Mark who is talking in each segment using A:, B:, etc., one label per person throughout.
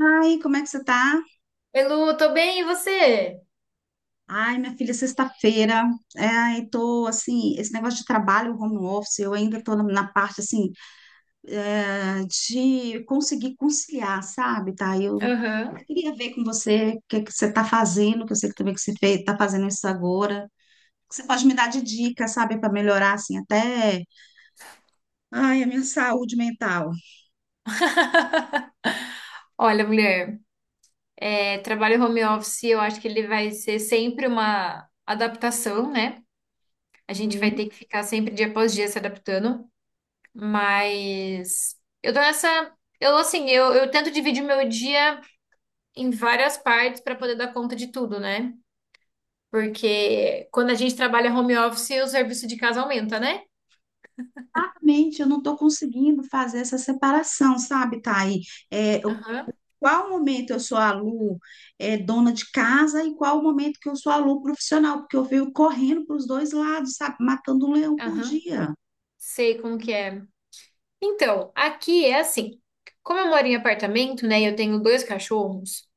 A: Ai, como é que você tá?
B: Oi, Lu, tô bem, e você?
A: Ai, minha filha, sexta-feira. É, ai, tô assim, esse negócio de trabalho, home office, eu ainda tô na parte assim ah, de conseguir conciliar, sabe? Tá? Eu
B: Aham.
A: queria ver com você o que é que você tá fazendo, que eu sei que também que você fez, tá fazendo isso agora. Você pode me dar de dicas, sabe, para melhorar assim até, ai, a minha saúde mental.
B: Olha, mulher, é, trabalho home office, eu acho que ele vai ser sempre uma adaptação, né? A gente vai
A: Hum.
B: ter que ficar sempre dia após dia se adaptando, mas eu tô nessa. Eu, assim, eu tento dividir meu dia em várias partes para poder dar conta de tudo, né? Porque quando a gente trabalha home office, o serviço de casa aumenta, né?
A: Exatamente, eu não estou conseguindo fazer essa separação, sabe, Thay?
B: Aham,
A: Qual momento eu sou a Lu, é, dona de casa e qual o momento que eu sou a Lu profissional? Porque eu venho correndo para os dois lados, sabe? Matando um leão por
B: aham.
A: dia.
B: Sei como que é. Então, aqui é assim. Como eu moro em apartamento, né, e eu tenho dois cachorros,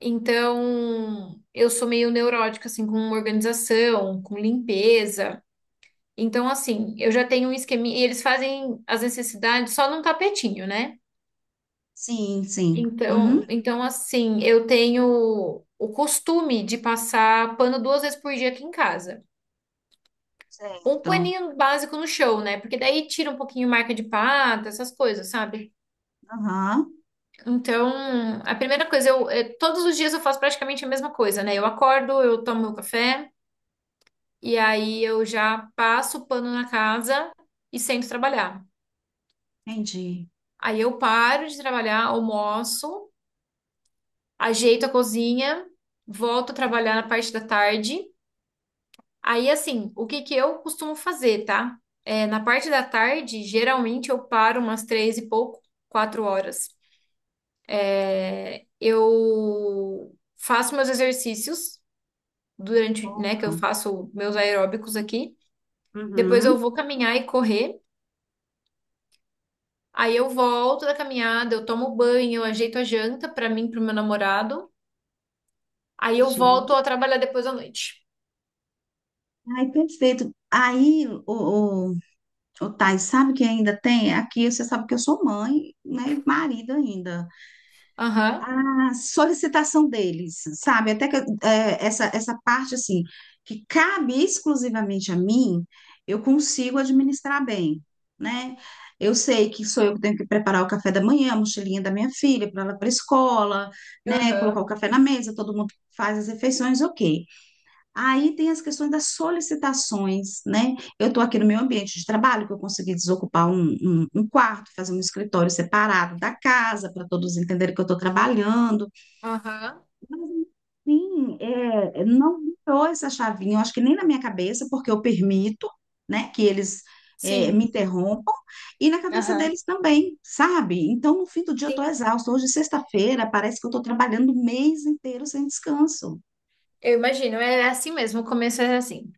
B: então eu sou meio neurótica assim com organização, com limpeza. Então, assim, eu já tenho um esqueminha e eles fazem as necessidades só num tapetinho, né?
A: Sim, sim. Uhum.
B: Então assim, eu tenho o costume de passar pano duas vezes por dia aqui em casa. Um
A: Certo.
B: paninho básico no chão, né? Porque daí tira um pouquinho marca de pata, essas coisas, sabe?
A: Aham.
B: Então, a primeira coisa, eu, eh, todos os dias eu faço praticamente a mesma coisa, né? Eu acordo, eu tomo meu café, e aí eu já passo o pano na casa e sento trabalhar.
A: Entendi.
B: Aí eu paro de trabalhar, almoço, ajeito a cozinha, volto a trabalhar na parte da tarde. Aí, assim, o que que eu costumo fazer, tá? É, na parte da tarde, geralmente eu paro umas três e pouco, quatro horas. Eu faço meus exercícios, durante, né, que eu faço meus aeróbicos aqui. Depois eu
A: Uhum.
B: vou caminhar e correr. Aí eu volto da caminhada, eu tomo banho, eu ajeito a janta pra mim, e pro meu namorado. Aí eu volto
A: Entendi.
B: a trabalhar depois à noite.
A: Ai, perfeito. Aí, o Thais, sabe que ainda tem? Aqui você sabe que eu sou mãe, né? E marido ainda.
B: Aham,
A: A solicitação deles, sabe? Até que é, essa parte, assim, que cabe exclusivamente a mim, eu consigo administrar bem, né? Eu sei que sou eu que tenho que preparar o café da manhã, a mochilinha da minha filha, para ela para a escola, né? Colocar
B: aham,
A: o café na mesa, todo mundo faz as refeições, ok. Aí tem as questões das solicitações, né? Eu estou aqui no meu ambiente de trabalho, que eu consegui desocupar um quarto, fazer um escritório separado da casa, para todos entenderem que eu estou trabalhando.
B: aham.
A: Mas, sim, não virou essa chavinha, eu acho que nem na minha cabeça, porque eu permito, né, que eles me
B: Sim,
A: interrompam, e na cabeça
B: aham.
A: deles também, sabe? Então, no fim do dia, eu estou
B: Sim,
A: exausta. Hoje, sexta-feira, parece que eu estou trabalhando o mês inteiro sem descanso.
B: eu imagino. É assim mesmo, o começo é assim.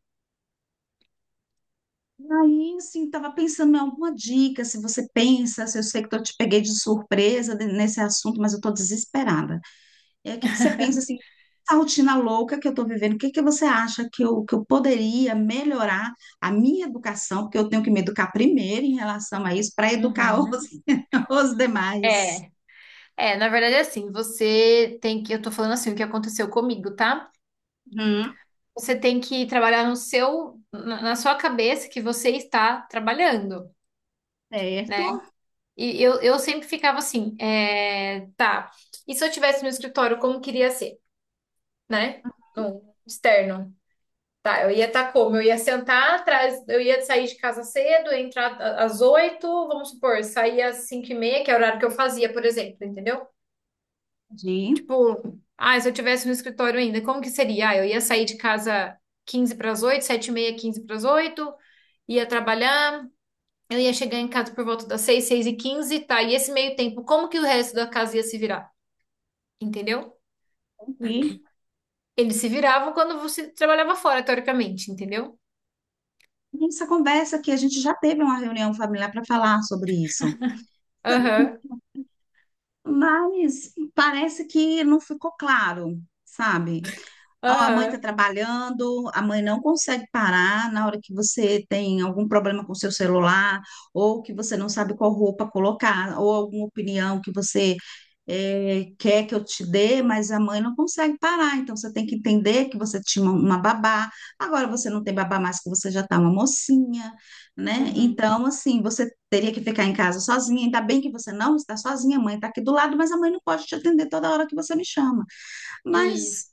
A: E aí, assim, estava pensando em alguma dica, se você pensa, se eu sei que eu te peguei de surpresa nesse assunto, mas eu estou desesperada. E aí, o que que você pensa assim, essa rotina louca que eu estou vivendo, o que que você acha que eu poderia melhorar a minha educação, porque eu tenho que me educar primeiro em relação a isso, para educar os,
B: Uhum.
A: os demais.
B: É, é, na verdade é assim, você tem que, eu tô falando assim, o que aconteceu comigo, tá?
A: Uhum,
B: Você tem que trabalhar no seu, na sua cabeça que você está trabalhando. Né?
A: certo?
B: E eu sempre ficava assim, é, tá, e se eu tivesse no escritório, como queria ser, né? No externo. Tá, eu ia estar como? Eu ia sentar atrás, eu ia sair de casa cedo, ia entrar às 8h, vamos supor, sair às 5h30, que é o horário que eu fazia, por exemplo, entendeu?
A: De
B: Tipo, ah, se eu tivesse no escritório ainda, como que seria? Ah, eu ia sair de casa 7h45, 7h30, 7h45, ia trabalhar, eu ia chegar em casa por volta das 6h, 6h15, tá? E esse meio tempo, como que o resto da casa ia se virar? Entendeu?
A: ouvir.
B: Eles se viravam quando você trabalhava fora, teoricamente, entendeu?
A: Essa conversa aqui, a gente já teve uma reunião familiar para falar sobre isso,
B: Aham,
A: mas parece que não ficou claro, sabe? Ó, a mãe está
B: aham,
A: trabalhando, a mãe não consegue parar na hora que você tem algum problema com o seu celular, ou que você não sabe qual roupa colocar, ou alguma opinião que você quer que eu te dê, mas a mãe não consegue parar. Então você tem que entender que você tinha uma babá, agora você não tem babá mais, que você já está uma mocinha, né?
B: uhum.
A: Então, assim, você teria que ficar em casa sozinha. Ainda bem que você não está sozinha, a mãe está aqui do lado, mas a mãe não pode te atender toda hora que você me chama.
B: Isso,
A: Mas.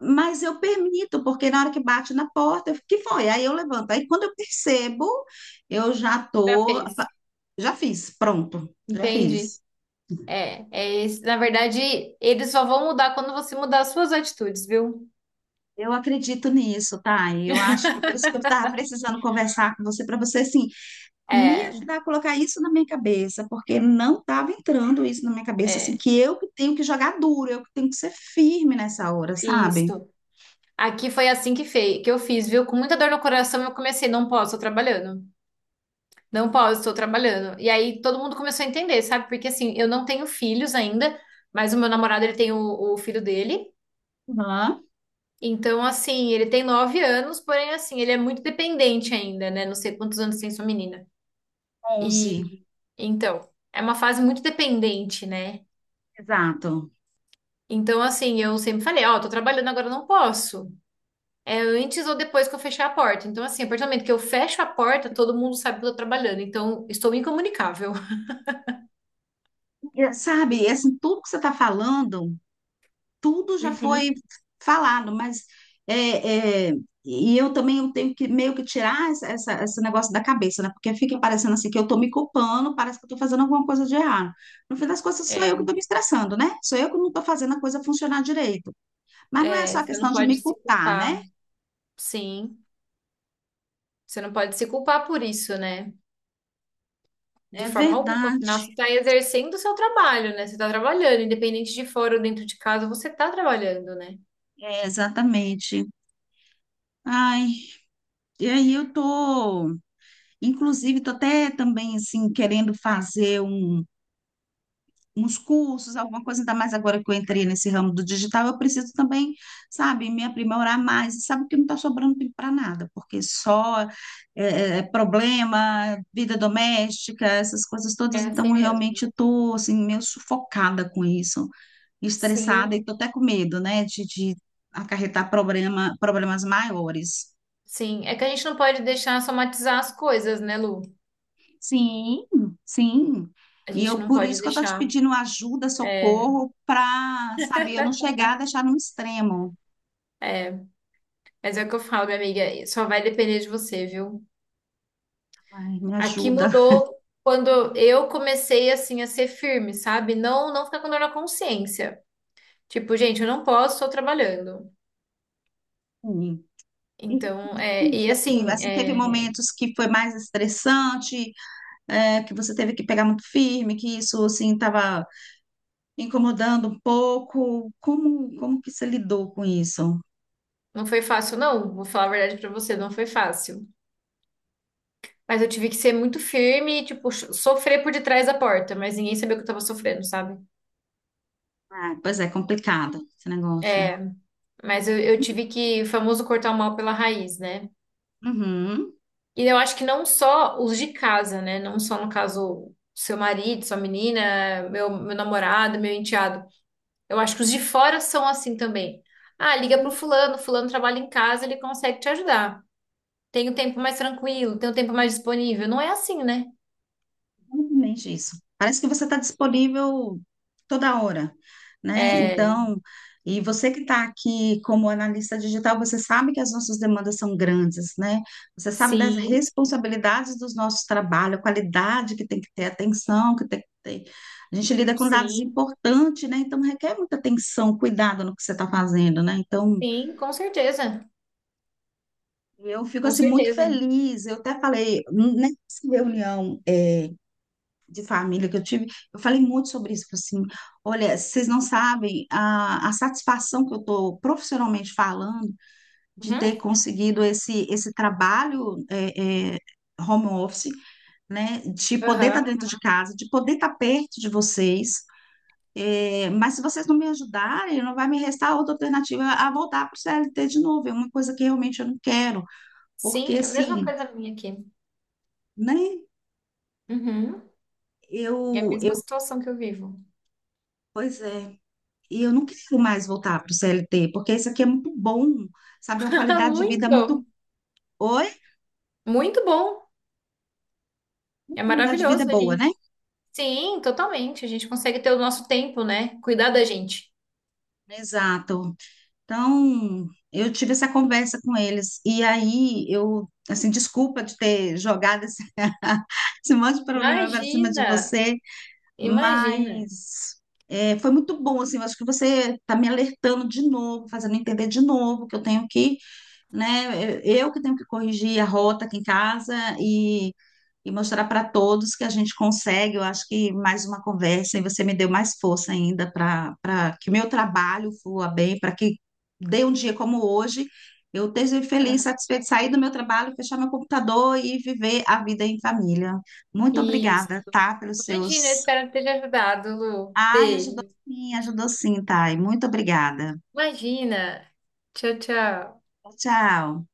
A: Mas eu permito, porque na hora que bate na porta, eu fico, que foi? Aí eu levanto. Aí quando eu percebo, eu já
B: já
A: tô,
B: fez.
A: já fiz, pronto, já
B: Entende?
A: fiz.
B: É, é esse. Na verdade, eles só vão mudar quando você mudar as suas atitudes, viu?
A: Eu acredito nisso, tá? E eu acho que é por isso que eu estava precisando conversar com você, para você, assim, me
B: É,
A: ajudar a colocar isso na minha cabeça, porque não estava entrando isso na minha cabeça, assim,
B: é,
A: que eu que tenho que jogar duro, eu que tenho que ser firme nessa hora, sabe?
B: isso. Aqui foi assim que, que eu fiz, viu? Com muita dor no coração, eu comecei, não posso, tô trabalhando. Não posso, estou trabalhando. E aí todo mundo começou a entender, sabe? Porque assim, eu não tenho filhos ainda, mas o meu namorado, ele tem o filho dele.
A: Aham,
B: Então, assim, ele tem 9 anos, porém, assim, ele é muito dependente ainda, né? Não sei quantos anos tem sua menina.
A: 11,
B: E, então, é uma fase muito dependente, né?
A: exato.
B: Então, assim, eu sempre falei, ó, tô trabalhando agora, eu não posso. É antes ou depois que eu fechar a porta. Então, assim, a partir do momento que eu fecho a porta, todo mundo sabe que eu tô trabalhando. Então, estou incomunicável.
A: E, sabe, assim, tudo que você está falando. Tudo já foi
B: Uhum.
A: falado, mas é, é, e eu também eu tenho que meio que tirar essa, esse negócio da cabeça, né? Porque fica parecendo assim que eu estou me culpando, parece que eu tô fazendo alguma coisa de errado. No fim das contas, sou eu
B: É,
A: que estou me estressando, né? Sou eu que não estou fazendo a coisa funcionar direito. Mas não é
B: é,
A: só
B: você não
A: questão de
B: pode
A: me
B: se
A: culpar, né?
B: culpar. Sim, você não pode se culpar por isso, né? De
A: É
B: forma alguma, afinal,
A: verdade,
B: você está exercendo o seu trabalho, né? Você está trabalhando, independente de fora ou dentro de casa, você está trabalhando, né?
A: é exatamente. Ai, e aí eu tô, inclusive, tô até também assim querendo fazer uns cursos, alguma coisa, ainda mais agora que eu entrei nesse ramo do digital, eu preciso também, sabe, me aprimorar mais. E sabe que não está sobrando tempo para nada, porque é problema, vida doméstica, essas coisas todas.
B: É
A: Então,
B: assim
A: realmente,
B: mesmo.
A: eu estou assim, meio sufocada com isso,
B: Sim,
A: estressada e estou até com medo, né, de acarretar problema, problemas maiores.
B: sim. É que a gente não pode deixar somatizar as coisas, né, Lu?
A: Sim, sim.
B: A
A: E
B: gente
A: eu
B: não
A: por
B: pode
A: isso que eu estou te
B: deixar.
A: pedindo ajuda,
B: É,
A: socorro, para saber, eu não chegar a deixar num extremo.
B: é. Mas é o que eu falo, minha amiga, só vai depender de você, viu?
A: Ai, me
B: Aqui
A: ajuda.
B: mudou quando eu comecei, assim, a ser firme, sabe? Não, não ficar com dor na consciência. Tipo, gente, eu não posso, estou trabalhando.
A: Sim. E foi
B: Então, é, e
A: difícil.
B: assim,
A: Teve
B: é,
A: momentos que foi mais estressante, é, que você teve que pegar muito firme, que isso assim estava incomodando um pouco. Como que você lidou com isso?
B: não foi fácil, não. Vou falar a verdade pra você, não foi fácil. Mas eu tive que ser muito firme e, tipo, sofrer por detrás da porta, mas ninguém sabia que eu tava sofrendo, sabe?
A: Ah, pois é, complicado esse negócio.
B: É, mas eu tive que, o famoso, cortar o mal pela raiz, né?
A: Uhum.
B: E eu acho que não só os de casa, né? Não só, no caso, seu marido, sua menina, meu namorado, meu enteado. Eu acho que os de fora são assim também. Ah, liga pro fulano, fulano trabalha em casa, ele consegue te ajudar. Tem um tempo mais tranquilo, tem um tempo mais disponível. Não é assim, né?
A: Exatamente isso. Parece que você está disponível toda hora, né?
B: É,
A: Então, e você que está aqui como analista digital, você sabe que as nossas demandas são grandes, né? Você sabe das
B: sim, sim,
A: responsabilidades dos nossos trabalhos, a qualidade que tem que ter, atenção que tem que ter. A gente lida com dados
B: sim,
A: importantes, né? Então, requer muita atenção, cuidado no que você está fazendo, né? Então,
B: sim, com certeza,
A: eu fico
B: com
A: assim muito
B: certeza.
A: feliz. Eu até falei, né, nessa reunião. É, de família que eu tive, eu falei muito sobre isso, falei assim, olha, vocês não sabem a satisfação que eu estou profissionalmente falando de
B: Uhum,
A: ter conseguido esse trabalho home office, né, de poder estar
B: aham.
A: dentro de casa, de poder estar perto de vocês. É, mas se vocês não me ajudarem, não vai me restar outra alternativa a voltar para o CLT de novo, é uma coisa que realmente eu não quero, porque
B: Sim, é a mesma
A: assim,
B: coisa minha aqui.
A: né,
B: Uhum. É a
A: eu,
B: mesma
A: eu,
B: situação que eu vivo.
A: pois é. E eu não quero mais voltar para o CLT, porque isso aqui é muito bom, sabe? É uma qualidade de vida muito.
B: Muito,
A: Oi?
B: muito bom.
A: Uma
B: É
A: qualidade de vida
B: maravilhoso a
A: boa, né?
B: gente. Sim, totalmente. A gente consegue ter o nosso tempo, né? Cuidar da gente.
A: Exato. Então, eu tive essa conversa com eles. E aí, eu, assim, desculpa de ter jogado esse, esse monte de problema para cima de
B: Imagina,
A: você,
B: imagina.
A: mas. É, foi muito bom, assim, eu acho que você está me alertando de novo, fazendo entender de novo que eu tenho que né? Eu que tenho que corrigir a rota aqui em casa e mostrar para todos que a gente consegue. Eu acho que mais uma conversa e você me deu mais força ainda para para que meu trabalho flua bem, para que dê um dia como hoje. Eu esteja feliz, satisfeito, sair do meu trabalho, fechar meu computador e viver a vida em família. Muito
B: Isso.
A: obrigada, tá? Pelos
B: Imagina, eu
A: seus.
B: espero ter te ajudado, Lu.
A: Ai,
B: Beijo.
A: ajudou sim, Thay. Muito obrigada.
B: Imagina. Tchau, tchau.
A: Tchau.